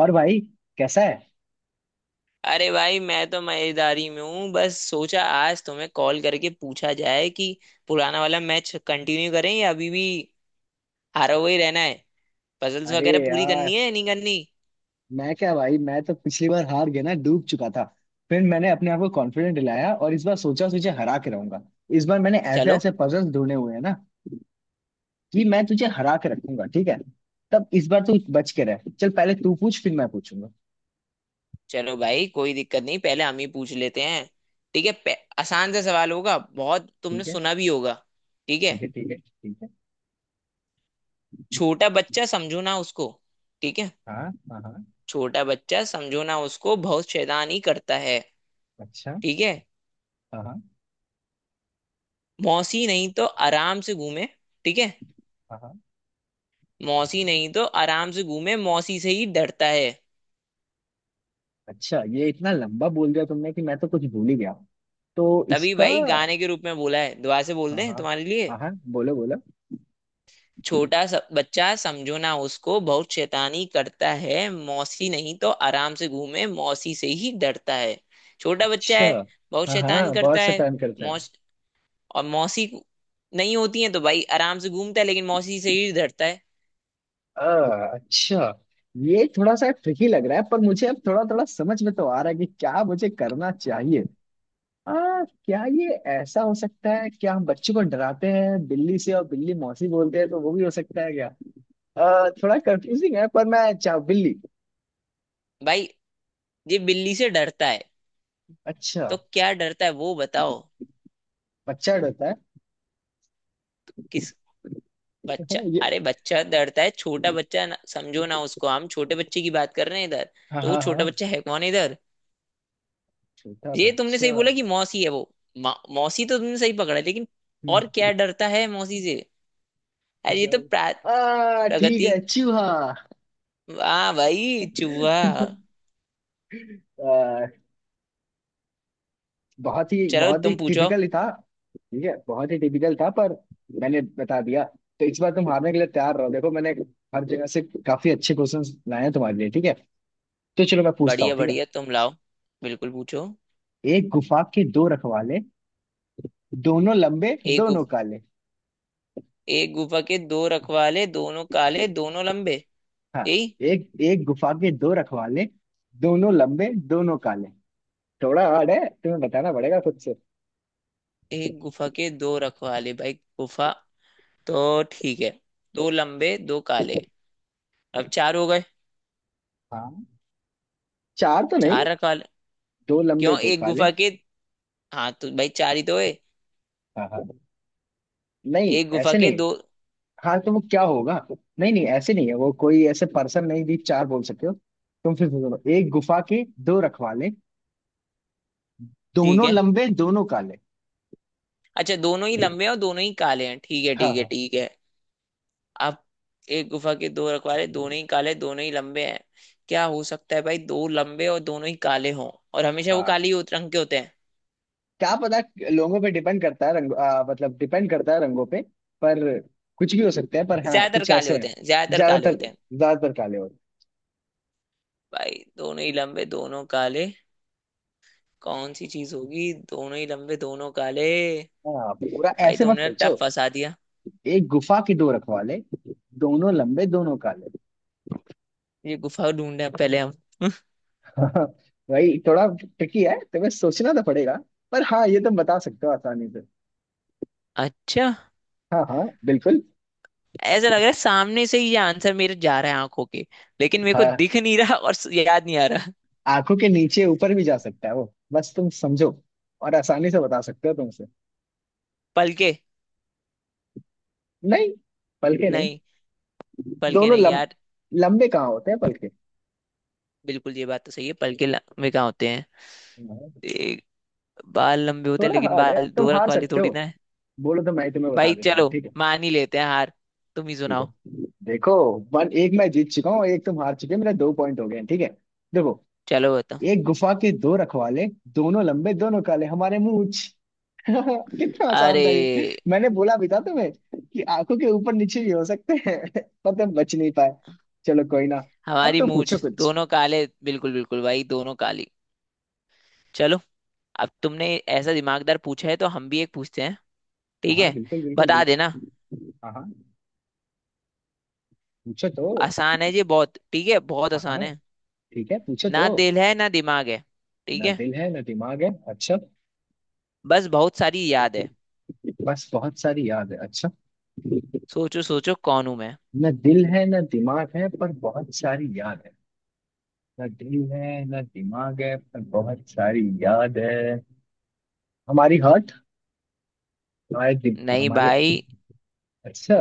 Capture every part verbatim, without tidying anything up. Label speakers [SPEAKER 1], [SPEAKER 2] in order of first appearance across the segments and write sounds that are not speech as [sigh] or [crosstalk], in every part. [SPEAKER 1] और भाई, कैसा है?
[SPEAKER 2] अरे भाई मैं तो मजेदारी में हूँ। बस सोचा आज तुम्हें कॉल करके पूछा जाए कि पुराना वाला मैच कंटिन्यू करें या अभी भी हारा हुआ ही रहना है। पजल्स
[SPEAKER 1] अरे
[SPEAKER 2] वगैरह पूरी करनी
[SPEAKER 1] यार,
[SPEAKER 2] है या नहीं करनी।
[SPEAKER 1] मैं क्या भाई, मैं तो पिछली बार हार गया ना, डूब चुका था। फिर मैंने अपने आप को कॉन्फिडेंट दिलाया और इस बार सोचा तुझे हरा के रहूंगा। इस बार मैंने ऐसे
[SPEAKER 2] चलो,
[SPEAKER 1] ऐसे पजल्स ढूंढे हुए हैं ना कि मैं तुझे हरा के रखूंगा, ठीक है। तब इस बार तू बच के रह, चल पहले तू पूछ फिर मैं पूछूंगा।
[SPEAKER 2] चलो भाई, कोई दिक्कत नहीं, पहले हम ही पूछ लेते हैं। ठीक है, पे- आसान सा सवाल होगा, बहुत तुमने
[SPEAKER 1] ठीक है।
[SPEAKER 2] सुना भी होगा। ठीक है,
[SPEAKER 1] ठीक है। ठीक है। ठीक है।
[SPEAKER 2] छोटा बच्चा समझो ना उसको। ठीक है,
[SPEAKER 1] हाँ, हाँ, हाँ।
[SPEAKER 2] छोटा बच्चा समझो ना उसको, बहुत शैतानी करता है।
[SPEAKER 1] अच्छा।
[SPEAKER 2] ठीक है,
[SPEAKER 1] हाँ, हाँ।
[SPEAKER 2] मौसी नहीं तो आराम से घूमे। ठीक है,
[SPEAKER 1] हाँ, हाँ।
[SPEAKER 2] मौसी नहीं तो आराम से घूमे, मौसी से ही डरता है।
[SPEAKER 1] अच्छा, ये इतना लंबा बोल दिया तुमने कि मैं तो कुछ भूल ही गया। तो
[SPEAKER 2] तभी
[SPEAKER 1] इसका।
[SPEAKER 2] भाई गाने के रूप में बोला है, दुआ से बोल
[SPEAKER 1] हाँ,
[SPEAKER 2] दे
[SPEAKER 1] हाँ।
[SPEAKER 2] तुम्हारे लिए।
[SPEAKER 1] हाँ, हाँ, बोलो बोलो।
[SPEAKER 2] छोटा सा बच्चा समझो ना उसको, बहुत शैतानी करता है, मौसी नहीं तो आराम से घूमे, मौसी से ही डरता है। छोटा बच्चा
[SPEAKER 1] अच्छा।
[SPEAKER 2] है, बहुत
[SPEAKER 1] हाँ,
[SPEAKER 2] शैतान
[SPEAKER 1] हाँ,
[SPEAKER 2] करता
[SPEAKER 1] बहुत
[SPEAKER 2] है।
[SPEAKER 1] शैतान करता है।
[SPEAKER 2] मौस और मौसी नहीं होती है तो भाई आराम से घूमता है, लेकिन मौसी से ही डरता है।
[SPEAKER 1] आ, अच्छा। ये थोड़ा सा ट्रिकी लग रहा है, पर मुझे अब थोड़ा थोड़ा समझ में तो आ रहा है कि क्या मुझे करना चाहिए। आ, क्या ये ऐसा हो सकता है, क्या हम बच्चों को डराते हैं बिल्ली से और बिल्ली मौसी बोलते हैं तो वो भी हो सकता है क्या? आ, थोड़ा कंफ्यूजिंग है, पर मैं चाह बिल्ली।
[SPEAKER 2] भाई ये बिल्ली से डरता है,
[SPEAKER 1] अच्छा।
[SPEAKER 2] तो क्या डरता है वो बताओ।
[SPEAKER 1] बच्चा डरता है।
[SPEAKER 2] किस?
[SPEAKER 1] हाँ,
[SPEAKER 2] बच्चा?
[SPEAKER 1] ये।
[SPEAKER 2] अरे बच्चा डरता है, छोटा बच्चा ना, समझो ना उसको, हम छोटे बच्चे की बात कर रहे हैं इधर।
[SPEAKER 1] हाँ,
[SPEAKER 2] तो वो
[SPEAKER 1] हाँ,
[SPEAKER 2] छोटा
[SPEAKER 1] हाँ।
[SPEAKER 2] बच्चा है कौन इधर?
[SPEAKER 1] छोटा
[SPEAKER 2] ये तुमने
[SPEAKER 1] बच्चा।
[SPEAKER 2] सही बोला कि मौसी है वो। मौ- मौसी तो तुमने सही पकड़ा है, लेकिन
[SPEAKER 1] हम्म।
[SPEAKER 2] और क्या डरता है मौसी से? अरे
[SPEAKER 1] कुछ
[SPEAKER 2] ये तो प्रा-
[SPEAKER 1] और-। आ ठीक
[SPEAKER 2] प्रगति।
[SPEAKER 1] है, चूहा।
[SPEAKER 2] वाह भाई, चूहा।
[SPEAKER 1] [laughs] आ, बहुत ही
[SPEAKER 2] चलो
[SPEAKER 1] बहुत ही
[SPEAKER 2] तुम पूछो।
[SPEAKER 1] टिपिकल ही था। ठीक है, बहुत ही टिपिकल था पर मैंने बता दिया। तो इस बार तुम हारने के लिए तैयार रहो, देखो मैंने हर जगह से काफी अच्छे क्वेश्चंस लाए हैं तुम्हारे लिए, ठीक है। तो चलो मैं पूछता हूँ,
[SPEAKER 2] बढ़िया
[SPEAKER 1] ठीक है।
[SPEAKER 2] बढ़िया, तुम लाओ, बिल्कुल पूछो।
[SPEAKER 1] एक गुफा के दो रखवाले, दोनों लंबे
[SPEAKER 2] एक
[SPEAKER 1] दोनों
[SPEAKER 2] गुफ,
[SPEAKER 1] काले।
[SPEAKER 2] एक गुफा के दो रखवाले, दोनों काले, दोनों लंबे।
[SPEAKER 1] हाँ।
[SPEAKER 2] यही?
[SPEAKER 1] एक एक गुफा के दो रखवाले, दोनों लंबे दोनों काले। थोड़ा हार्ड है, तुम्हें बताना पड़ेगा खुद से।
[SPEAKER 2] एक गुफा के दो रखवाले भाई, गुफा तो ठीक है, दो लंबे दो काले, अब चार हो गए।
[SPEAKER 1] हाँ। चार तो नहीं।
[SPEAKER 2] चार काले
[SPEAKER 1] दो लंबे
[SPEAKER 2] क्यों?
[SPEAKER 1] दो
[SPEAKER 2] एक
[SPEAKER 1] काले।
[SPEAKER 2] गुफा के, हाँ तो भाई चार ही तो है।
[SPEAKER 1] हाँ, हाँ। नहीं,
[SPEAKER 2] एक गुफा
[SPEAKER 1] ऐसे
[SPEAKER 2] के
[SPEAKER 1] नहीं।
[SPEAKER 2] दो,
[SPEAKER 1] हाँ, तो वो क्या होगा? नहीं नहीं, ऐसे नहीं है वो, कोई ऐसे पर्सन नहीं, भी चार बोल सकते हो। तुम फिर बोलो, एक गुफा के दो रखवाले,
[SPEAKER 2] ठीक
[SPEAKER 1] दोनों
[SPEAKER 2] है।
[SPEAKER 1] लंबे दोनों काले।
[SPEAKER 2] अच्छा दोनों ही लंबे हैं और दोनों ही काले हैं, ठीक है
[SPEAKER 1] हाँ,
[SPEAKER 2] ठीक है
[SPEAKER 1] हाँ।
[SPEAKER 2] ठीक है। अब एक गुफा के दो रखवाले, दोनों ही काले, दोनों ही लंबे हैं। क्या हो सकता है भाई, दो लंबे और दोनों ही काले हों, और हमेशा वो
[SPEAKER 1] हाँ,
[SPEAKER 2] काले ही होते- रंग के होते हैं।
[SPEAKER 1] क्या पता। लोगों पे डिपेंड करता है रंग, आ, मतलब डिपेंड करता है रंगों पे। पर कुछ भी हो सकता है, पर हाँ
[SPEAKER 2] ज्यादातर
[SPEAKER 1] कुछ
[SPEAKER 2] काले
[SPEAKER 1] ऐसे हैं।
[SPEAKER 2] होते हैं, ज्यादातर काले
[SPEAKER 1] ज्यादातर
[SPEAKER 2] होते हैं।
[SPEAKER 1] ज्यादातर काले होते
[SPEAKER 2] भाई, दोनों ही लंबे, दोनों काले, कौन सी चीज होगी दोनों ही लंबे दोनों काले?
[SPEAKER 1] हैं। हाँ, पूरा
[SPEAKER 2] भाई
[SPEAKER 1] ऐसे मत
[SPEAKER 2] तुमने
[SPEAKER 1] सोचो।
[SPEAKER 2] टफ फंसा दिया।
[SPEAKER 1] एक गुफा के दो रखवाले, दोनों लंबे दोनों काले।
[SPEAKER 2] ये गुफा ढूंढे पहले हम। [laughs]
[SPEAKER 1] [laughs] भाई, थोड़ा ट्रिकी है, तुम्हें सोचना तो पड़ेगा। पर हाँ, ये तुम बता सकते हो आसानी से।
[SPEAKER 2] अच्छा,
[SPEAKER 1] हाँ, हाँ, बिल्कुल।
[SPEAKER 2] ऐसा लग रहा है सामने से ही ये आंसर मेरे जा रहा है आंखों के, लेकिन मेरे को
[SPEAKER 1] हाँ,
[SPEAKER 2] दिख नहीं रहा और स- याद नहीं आ रहा।
[SPEAKER 1] आंखों के नीचे ऊपर भी जा सकता है वो, बस तुम समझो। और आसानी से बता सकते हो तुमसे।
[SPEAKER 2] पलके?
[SPEAKER 1] नहीं। पलके नहीं।
[SPEAKER 2] नहीं, पलके
[SPEAKER 1] दोनों
[SPEAKER 2] नहीं
[SPEAKER 1] लम,
[SPEAKER 2] यार।
[SPEAKER 1] लंबे कहाँ होते हैं पलके?
[SPEAKER 2] बिल्कुल, ये बात तो सही है, पलके ल- में क्या होते हैं?
[SPEAKER 1] हाँ।
[SPEAKER 2] एक, बाल लंबे होते हैं,
[SPEAKER 1] थोड़ा
[SPEAKER 2] लेकिन
[SPEAKER 1] हार्ड है,
[SPEAKER 2] बाल
[SPEAKER 1] तुम
[SPEAKER 2] दो रख
[SPEAKER 1] हार
[SPEAKER 2] वाले
[SPEAKER 1] सकते
[SPEAKER 2] थोड़ी
[SPEAKER 1] हो।
[SPEAKER 2] ना है।
[SPEAKER 1] बोलो तो मैं ही तुम्हें बता
[SPEAKER 2] भाई
[SPEAKER 1] देता हूँ,
[SPEAKER 2] चलो,
[SPEAKER 1] ठीक है।
[SPEAKER 2] मान ही लेते हैं हार, तुम ही
[SPEAKER 1] ठीक है।
[SPEAKER 2] सुनाओ।
[SPEAKER 1] देखो, वन एक मैं जीत चुका हूँ, एक तुम हार चुके हो, मेरे दो पॉइंट हो गए हैं, ठीक है। देखो,
[SPEAKER 2] चलो बताओ।
[SPEAKER 1] एक गुफा के दो रखवाले, दोनों लंबे दोनों काले, हमारे मूंछ। [laughs] कितना आसान
[SPEAKER 2] अरे
[SPEAKER 1] था, ये मैंने बोला भी था तुम्हें कि आंखों के ऊपर नीचे भी हो सकते हैं। [laughs] पर तुम बच नहीं पाए। चलो, कोई ना। अब
[SPEAKER 2] हमारी
[SPEAKER 1] तुम
[SPEAKER 2] मूछ
[SPEAKER 1] पूछो कुछ।
[SPEAKER 2] दोनों काले, बिल्कुल बिल्कुल भाई, दोनों काली। चलो अब तुमने ऐसा दिमागदार पूछा है, तो हम भी एक पूछते हैं। ठीक
[SPEAKER 1] हाँ,
[SPEAKER 2] है,
[SPEAKER 1] बिल्कुल बिल्कुल
[SPEAKER 2] बता देना।
[SPEAKER 1] बिल्कुल। हाँ, हाँ। पूछो तो।
[SPEAKER 2] आसान है ये बहुत, ठीक है, बहुत
[SPEAKER 1] हाँ,
[SPEAKER 2] आसान
[SPEAKER 1] हाँ।
[SPEAKER 2] है।
[SPEAKER 1] ठीक है, पूछो तो।
[SPEAKER 2] ना दिल है ना दिमाग है, ठीक
[SPEAKER 1] ना
[SPEAKER 2] है,
[SPEAKER 1] दिल है ना दिमाग है, अच्छा।
[SPEAKER 2] बस बहुत सारी याद है।
[SPEAKER 1] बस बहुत सारी याद है, अच्छा।
[SPEAKER 2] सोचो सोचो कौन हूं मैं।
[SPEAKER 1] ना दिल है ना दिमाग है पर बहुत सारी याद है। ना दिल है ना दिमाग है पर बहुत सारी याद है। हमारी हार्ट, हमारे दिल,
[SPEAKER 2] नहीं
[SPEAKER 1] हमारे।
[SPEAKER 2] भाई,
[SPEAKER 1] अच्छा।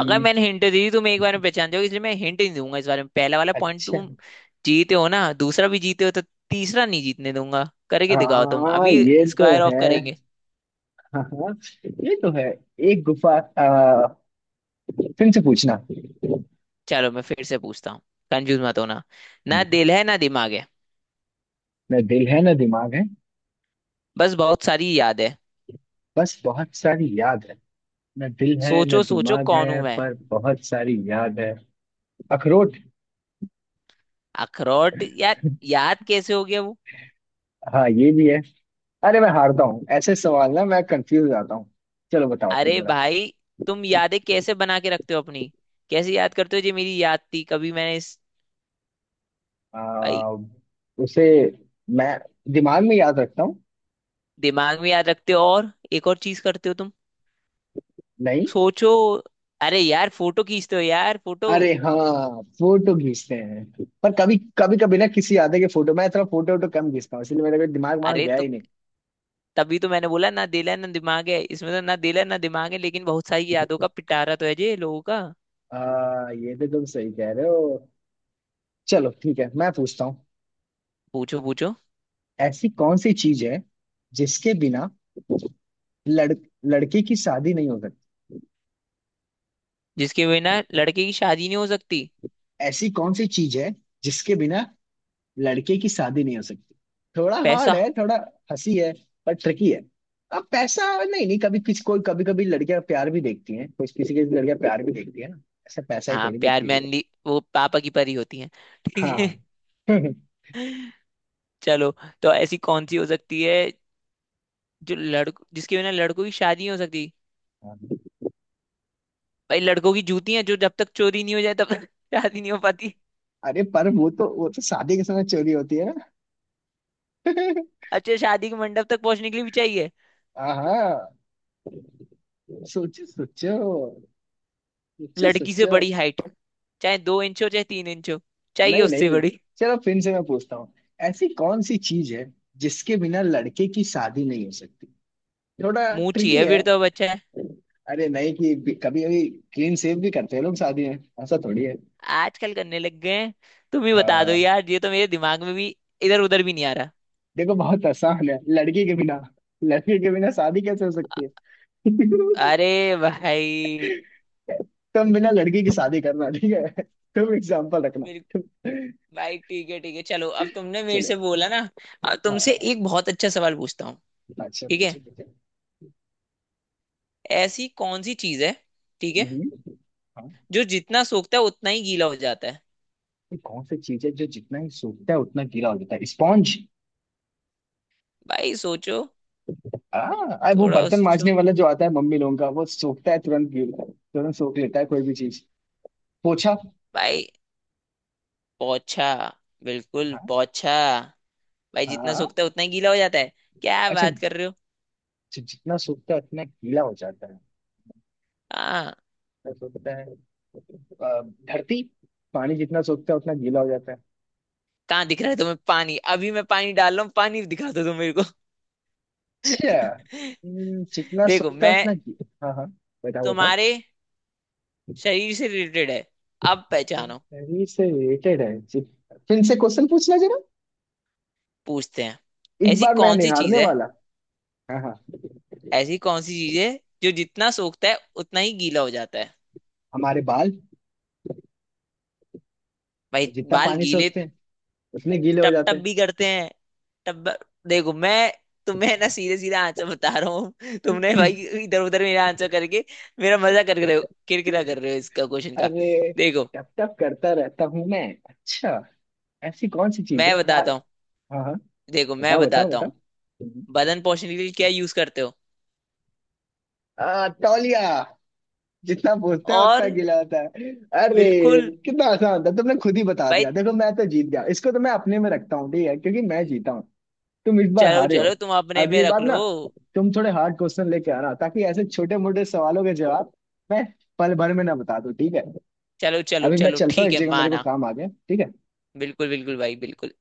[SPEAKER 2] अगर मैंने हिंट दे दी तुम एक बार में पहचान जाओगे, इसलिए मैं हिंट नहीं दूंगा। इस बारे में पहला वाला पॉइंट
[SPEAKER 1] अच्छा।
[SPEAKER 2] तुम जीते हो ना, दूसरा भी जीते हो तो तीसरा नहीं जीतने दूंगा। करके दिखाओ तुम
[SPEAKER 1] हाँ,
[SPEAKER 2] अभी,
[SPEAKER 1] ये तो
[SPEAKER 2] स्क्वायर ऑफ
[SPEAKER 1] है।
[SPEAKER 2] करेंगे।
[SPEAKER 1] हाँ, हाँ, ये तो है। एक गुफा आ, फिर से पूछना।
[SPEAKER 2] चलो मैं फिर से पूछता हूँ, कंफ्यूज मत होना। ना दिल है ना दिमाग है,
[SPEAKER 1] न दिल है न दिमाग है।
[SPEAKER 2] बस बहुत सारी याद है।
[SPEAKER 1] बस बहुत सारी याद है। न दिल है न
[SPEAKER 2] सोचो सोचो
[SPEAKER 1] दिमाग
[SPEAKER 2] कौन हूं
[SPEAKER 1] है
[SPEAKER 2] मैं।
[SPEAKER 1] पर बहुत सारी याद है। अखरोट।
[SPEAKER 2] अखरोट यार, याद कैसे हो गया वो?
[SPEAKER 1] हाँ, ये भी है। अरे मैं हारता हूँ ऐसे सवाल, ना मैं कंफ्यूज हो जाता हूँ। चलो, बताओ तुम
[SPEAKER 2] अरे
[SPEAKER 1] जरा।
[SPEAKER 2] भाई, तुम यादें कैसे बना के रखते हो अपनी? कैसे याद करते हो जी, मेरी याद थी कभी मैंने इस, भाई।
[SPEAKER 1] आ, उसे मैं दिमाग में याद रखता हूँ।
[SPEAKER 2] दिमाग में याद रखते हो, और एक और चीज करते हो तुम,
[SPEAKER 1] नहीं।
[SPEAKER 2] सोचो। अरे यार फोटो खींचते हो यार, फोटो।
[SPEAKER 1] अरे हाँ, फोटो खींचते हैं। पर कभी कभी कभी ना किसी आते के फोटो मैं थोड़ा फोटो वोटो कम खींचता हूँ, इसलिए मेरे को दिमाग वहां
[SPEAKER 2] अरे
[SPEAKER 1] गया
[SPEAKER 2] तो
[SPEAKER 1] ही नहीं।
[SPEAKER 2] तभी तो मैंने बोला ना दिल है ना दिमाग है, इसमें तो ना दिल है ना दिमाग है, लेकिन बहुत सारी यादों का पिटारा तो है जी लोगों का।
[SPEAKER 1] आ, ये तो तुम सही कह रहे हो। चलो ठीक है, मैं पूछता हूँ।
[SPEAKER 2] पूछो पूछो।
[SPEAKER 1] ऐसी कौन सी चीज है जिसके बिना लड़ लड़के की शादी नहीं हो सकती?
[SPEAKER 2] जिसके बिना लड़के की शादी नहीं हो सकती?
[SPEAKER 1] ऐसी कौन सी चीज है जिसके बिना लड़के की शादी नहीं हो सकती? थोड़ा हार्ड
[SPEAKER 2] पैसा।
[SPEAKER 1] है, थोड़ा हंसी है, पर ट्रिकी है। अब पैसा नहीं नहीं, कभी किसी कोई, कभी कभी लड़कियां प्यार भी देखती हैं, कुछ किसी किसी लड़कियां प्यार भी देखती है ना। ऐसा पैसा ही
[SPEAKER 2] हाँ,
[SPEAKER 1] थोड़ी
[SPEAKER 2] प्यार
[SPEAKER 1] देखती
[SPEAKER 2] में
[SPEAKER 1] है।
[SPEAKER 2] अनली वो पापा की परी होती है, ठीक है।
[SPEAKER 1] हाँ,
[SPEAKER 2] [laughs] चलो, तो ऐसी कौन सी हो सकती है जो लड़को जिसके बिना लड़कों की शादी नहीं हो सकती?
[SPEAKER 1] हाँ। [laughs]
[SPEAKER 2] भाई लड़कों की जूतियां, जो जब तक चोरी नहीं हो जाए तब तक [laughs] शादी नहीं हो पाती।
[SPEAKER 1] अरे पर वो तो वो तो शादी के समय चोरी होती है ना। [laughs]
[SPEAKER 2] अच्छा, शादी के मंडप तक पहुंचने के लिए भी चाहिए,
[SPEAKER 1] हाँ। सोचो सोचो। सोचो
[SPEAKER 2] लड़की से
[SPEAKER 1] सोचो।
[SPEAKER 2] बड़ी हाइट, चाहे दो इंच हो चाहे तीन इंच हो, चाहिए
[SPEAKER 1] नहीं
[SPEAKER 2] उससे
[SPEAKER 1] नहीं।
[SPEAKER 2] बड़ी।
[SPEAKER 1] चलो फिर से मैं पूछता हूँ। ऐसी कौन सी चीज है जिसके बिना लड़के की शादी नहीं हो सकती? थोड़ा
[SPEAKER 2] मुंह
[SPEAKER 1] ट्रिकी
[SPEAKER 2] चाहिए,
[SPEAKER 1] है।
[SPEAKER 2] फिर तो बच्चा है।
[SPEAKER 1] अरे नहीं कि कभी कभी क्लीन शेव भी करते हैं लोग शादी में, ऐसा थोड़ी है।
[SPEAKER 2] आजकल करने लग गए हैं। तुम ही बता दो
[SPEAKER 1] हाँ।
[SPEAKER 2] यार, ये तो मेरे दिमाग में भी इधर उधर भी नहीं आ रहा।
[SPEAKER 1] देखो बहुत आसान है, लड़की के बिना। लड़की के बिना शादी कैसे हो सकती है?
[SPEAKER 2] अरे भाई
[SPEAKER 1] [laughs] तुम बिना लड़की की शादी करना, ठीक है। तुम एग्जाम्पल रखना। तुम।
[SPEAKER 2] भाई ठीक है ठीक है, चलो अब तुमने मेरे
[SPEAKER 1] चले।
[SPEAKER 2] से बोला ना, अब तुमसे
[SPEAKER 1] हाँ,
[SPEAKER 2] एक बहुत अच्छा सवाल पूछता हूँ।
[SPEAKER 1] अच्छा
[SPEAKER 2] ठीक है,
[SPEAKER 1] अच्छा। अच्छा।
[SPEAKER 2] ऐसी कौन सी चीज है, ठीक है,
[SPEAKER 1] हम्म। हाँ।
[SPEAKER 2] जो जितना सोखता है उतना ही गीला हो जाता है?
[SPEAKER 1] ये कौन सी चीज है जो जितना ही सूखता है उतना गीला हो जाता है, स्पॉन्ज?
[SPEAKER 2] भाई सोचो।
[SPEAKER 1] हाँ, वो
[SPEAKER 2] थोड़ा
[SPEAKER 1] बर्तन
[SPEAKER 2] सोचो।
[SPEAKER 1] मांजने वाला जो आता है मम्मी लोगों का, वो सोखता है, तुरंत गीला तुरंत सोख लेता है कोई भी चीज। पोछा।
[SPEAKER 2] भाई, पोछा? बिल्कुल
[SPEAKER 1] हाँ,
[SPEAKER 2] पोछा, भाई जितना
[SPEAKER 1] हाँ।
[SPEAKER 2] सोखता है उतना ही गीला हो जाता है, क्या
[SPEAKER 1] अच्छा,
[SPEAKER 2] बात
[SPEAKER 1] जि-।
[SPEAKER 2] कर रहे हो।
[SPEAKER 1] जितना सूखता है उतना गीला हो जाता है।
[SPEAKER 2] हाँ,
[SPEAKER 1] जितना सूखता है। अ, धरती। पानी जितना सूखता है उतना गीला हो जाता है।
[SPEAKER 2] कहाँ दिख रहा है तुम्हें पानी? अभी मैं पानी डाल रहा हूँ, पानी दिखा दो तुम मेरे को। [laughs]
[SPEAKER 1] अच्छा। हम्म, जितना
[SPEAKER 2] देखो
[SPEAKER 1] सूखता है
[SPEAKER 2] मैं,
[SPEAKER 1] उतना गीला, हाँ, हाँ। बताओ बताओ।
[SPEAKER 2] तुम्हारे शरीर से रिलेटेड है, अब पहचानो।
[SPEAKER 1] शरीर से रिलेटेड है, जित- फिर से क्वेश्चन पूछना जरा।
[SPEAKER 2] पूछते हैं।
[SPEAKER 1] इस
[SPEAKER 2] ऐसी
[SPEAKER 1] बार मैं
[SPEAKER 2] कौन
[SPEAKER 1] नहीं
[SPEAKER 2] सी चीज
[SPEAKER 1] हारने
[SPEAKER 2] है,
[SPEAKER 1] वाला। हाँ, हाँ।
[SPEAKER 2] ऐसी कौन सी चीज है जो जितना सोखता है उतना ही गीला हो जाता है?
[SPEAKER 1] हमारे बाल,
[SPEAKER 2] भाई,
[SPEAKER 1] जितना
[SPEAKER 2] बाल
[SPEAKER 1] पानी
[SPEAKER 2] गीले,
[SPEAKER 1] सोखते हैं उतने गीले हो
[SPEAKER 2] टप
[SPEAKER 1] जाते
[SPEAKER 2] टप
[SPEAKER 1] हैं।
[SPEAKER 2] भी करते हैं, टप। देखो मैं, तुम्हें ना सीधे सीधा आंसर बता रहा हूँ तुमने भाई, इधर उधर मेरा आंसर करके मेरा मजा कर रहे हो, किरकिरा कर रहे हो इसका क्वेश्चन का।
[SPEAKER 1] अरे,
[SPEAKER 2] देखो
[SPEAKER 1] टप टप करता रहता हूँ मैं। अच्छा। ऐसी कौन सी चीज
[SPEAKER 2] मैं
[SPEAKER 1] है हमारे?
[SPEAKER 2] बताता हूँ
[SPEAKER 1] हाँ, हाँ,
[SPEAKER 2] देखो मैं
[SPEAKER 1] बताओ बताओ
[SPEAKER 2] बताता हूँ।
[SPEAKER 1] बताओ।
[SPEAKER 2] बदन पोषण के लिए क्या यूज करते हो?
[SPEAKER 1] आ, तौलिया। जितना पूछते हैं उतना
[SPEAKER 2] और?
[SPEAKER 1] गीला होता है। अरे,
[SPEAKER 2] बिल्कुल।
[SPEAKER 1] कितना आसान था, तुमने खुद ही बता
[SPEAKER 2] भाई
[SPEAKER 1] दिया, देखो मैं तो जीत गया, इसको तो मैं अपने में रखता हूँ, ठीक है, क्योंकि मैं जीता हूँ। तुम इस बार
[SPEAKER 2] चलो
[SPEAKER 1] हारे हो।
[SPEAKER 2] चलो, तुम अपने में
[SPEAKER 1] अगली
[SPEAKER 2] रख
[SPEAKER 1] बार
[SPEAKER 2] लो।
[SPEAKER 1] ना तुम थोड़े हार्ड क्वेश्चन लेके आना, ताकि ऐसे छोटे मोटे सवालों के जवाब मैं पल भर में ना बता दूं, ठीक है।
[SPEAKER 2] चलो चलो
[SPEAKER 1] अभी मैं
[SPEAKER 2] चलो,
[SPEAKER 1] चलता हूँ,
[SPEAKER 2] ठीक
[SPEAKER 1] एक
[SPEAKER 2] है,
[SPEAKER 1] जगह मेरे को
[SPEAKER 2] माना।
[SPEAKER 1] काम आ गया, ठीक है।
[SPEAKER 2] बिल्कुल बिल्कुल भाई, बिल्कुल।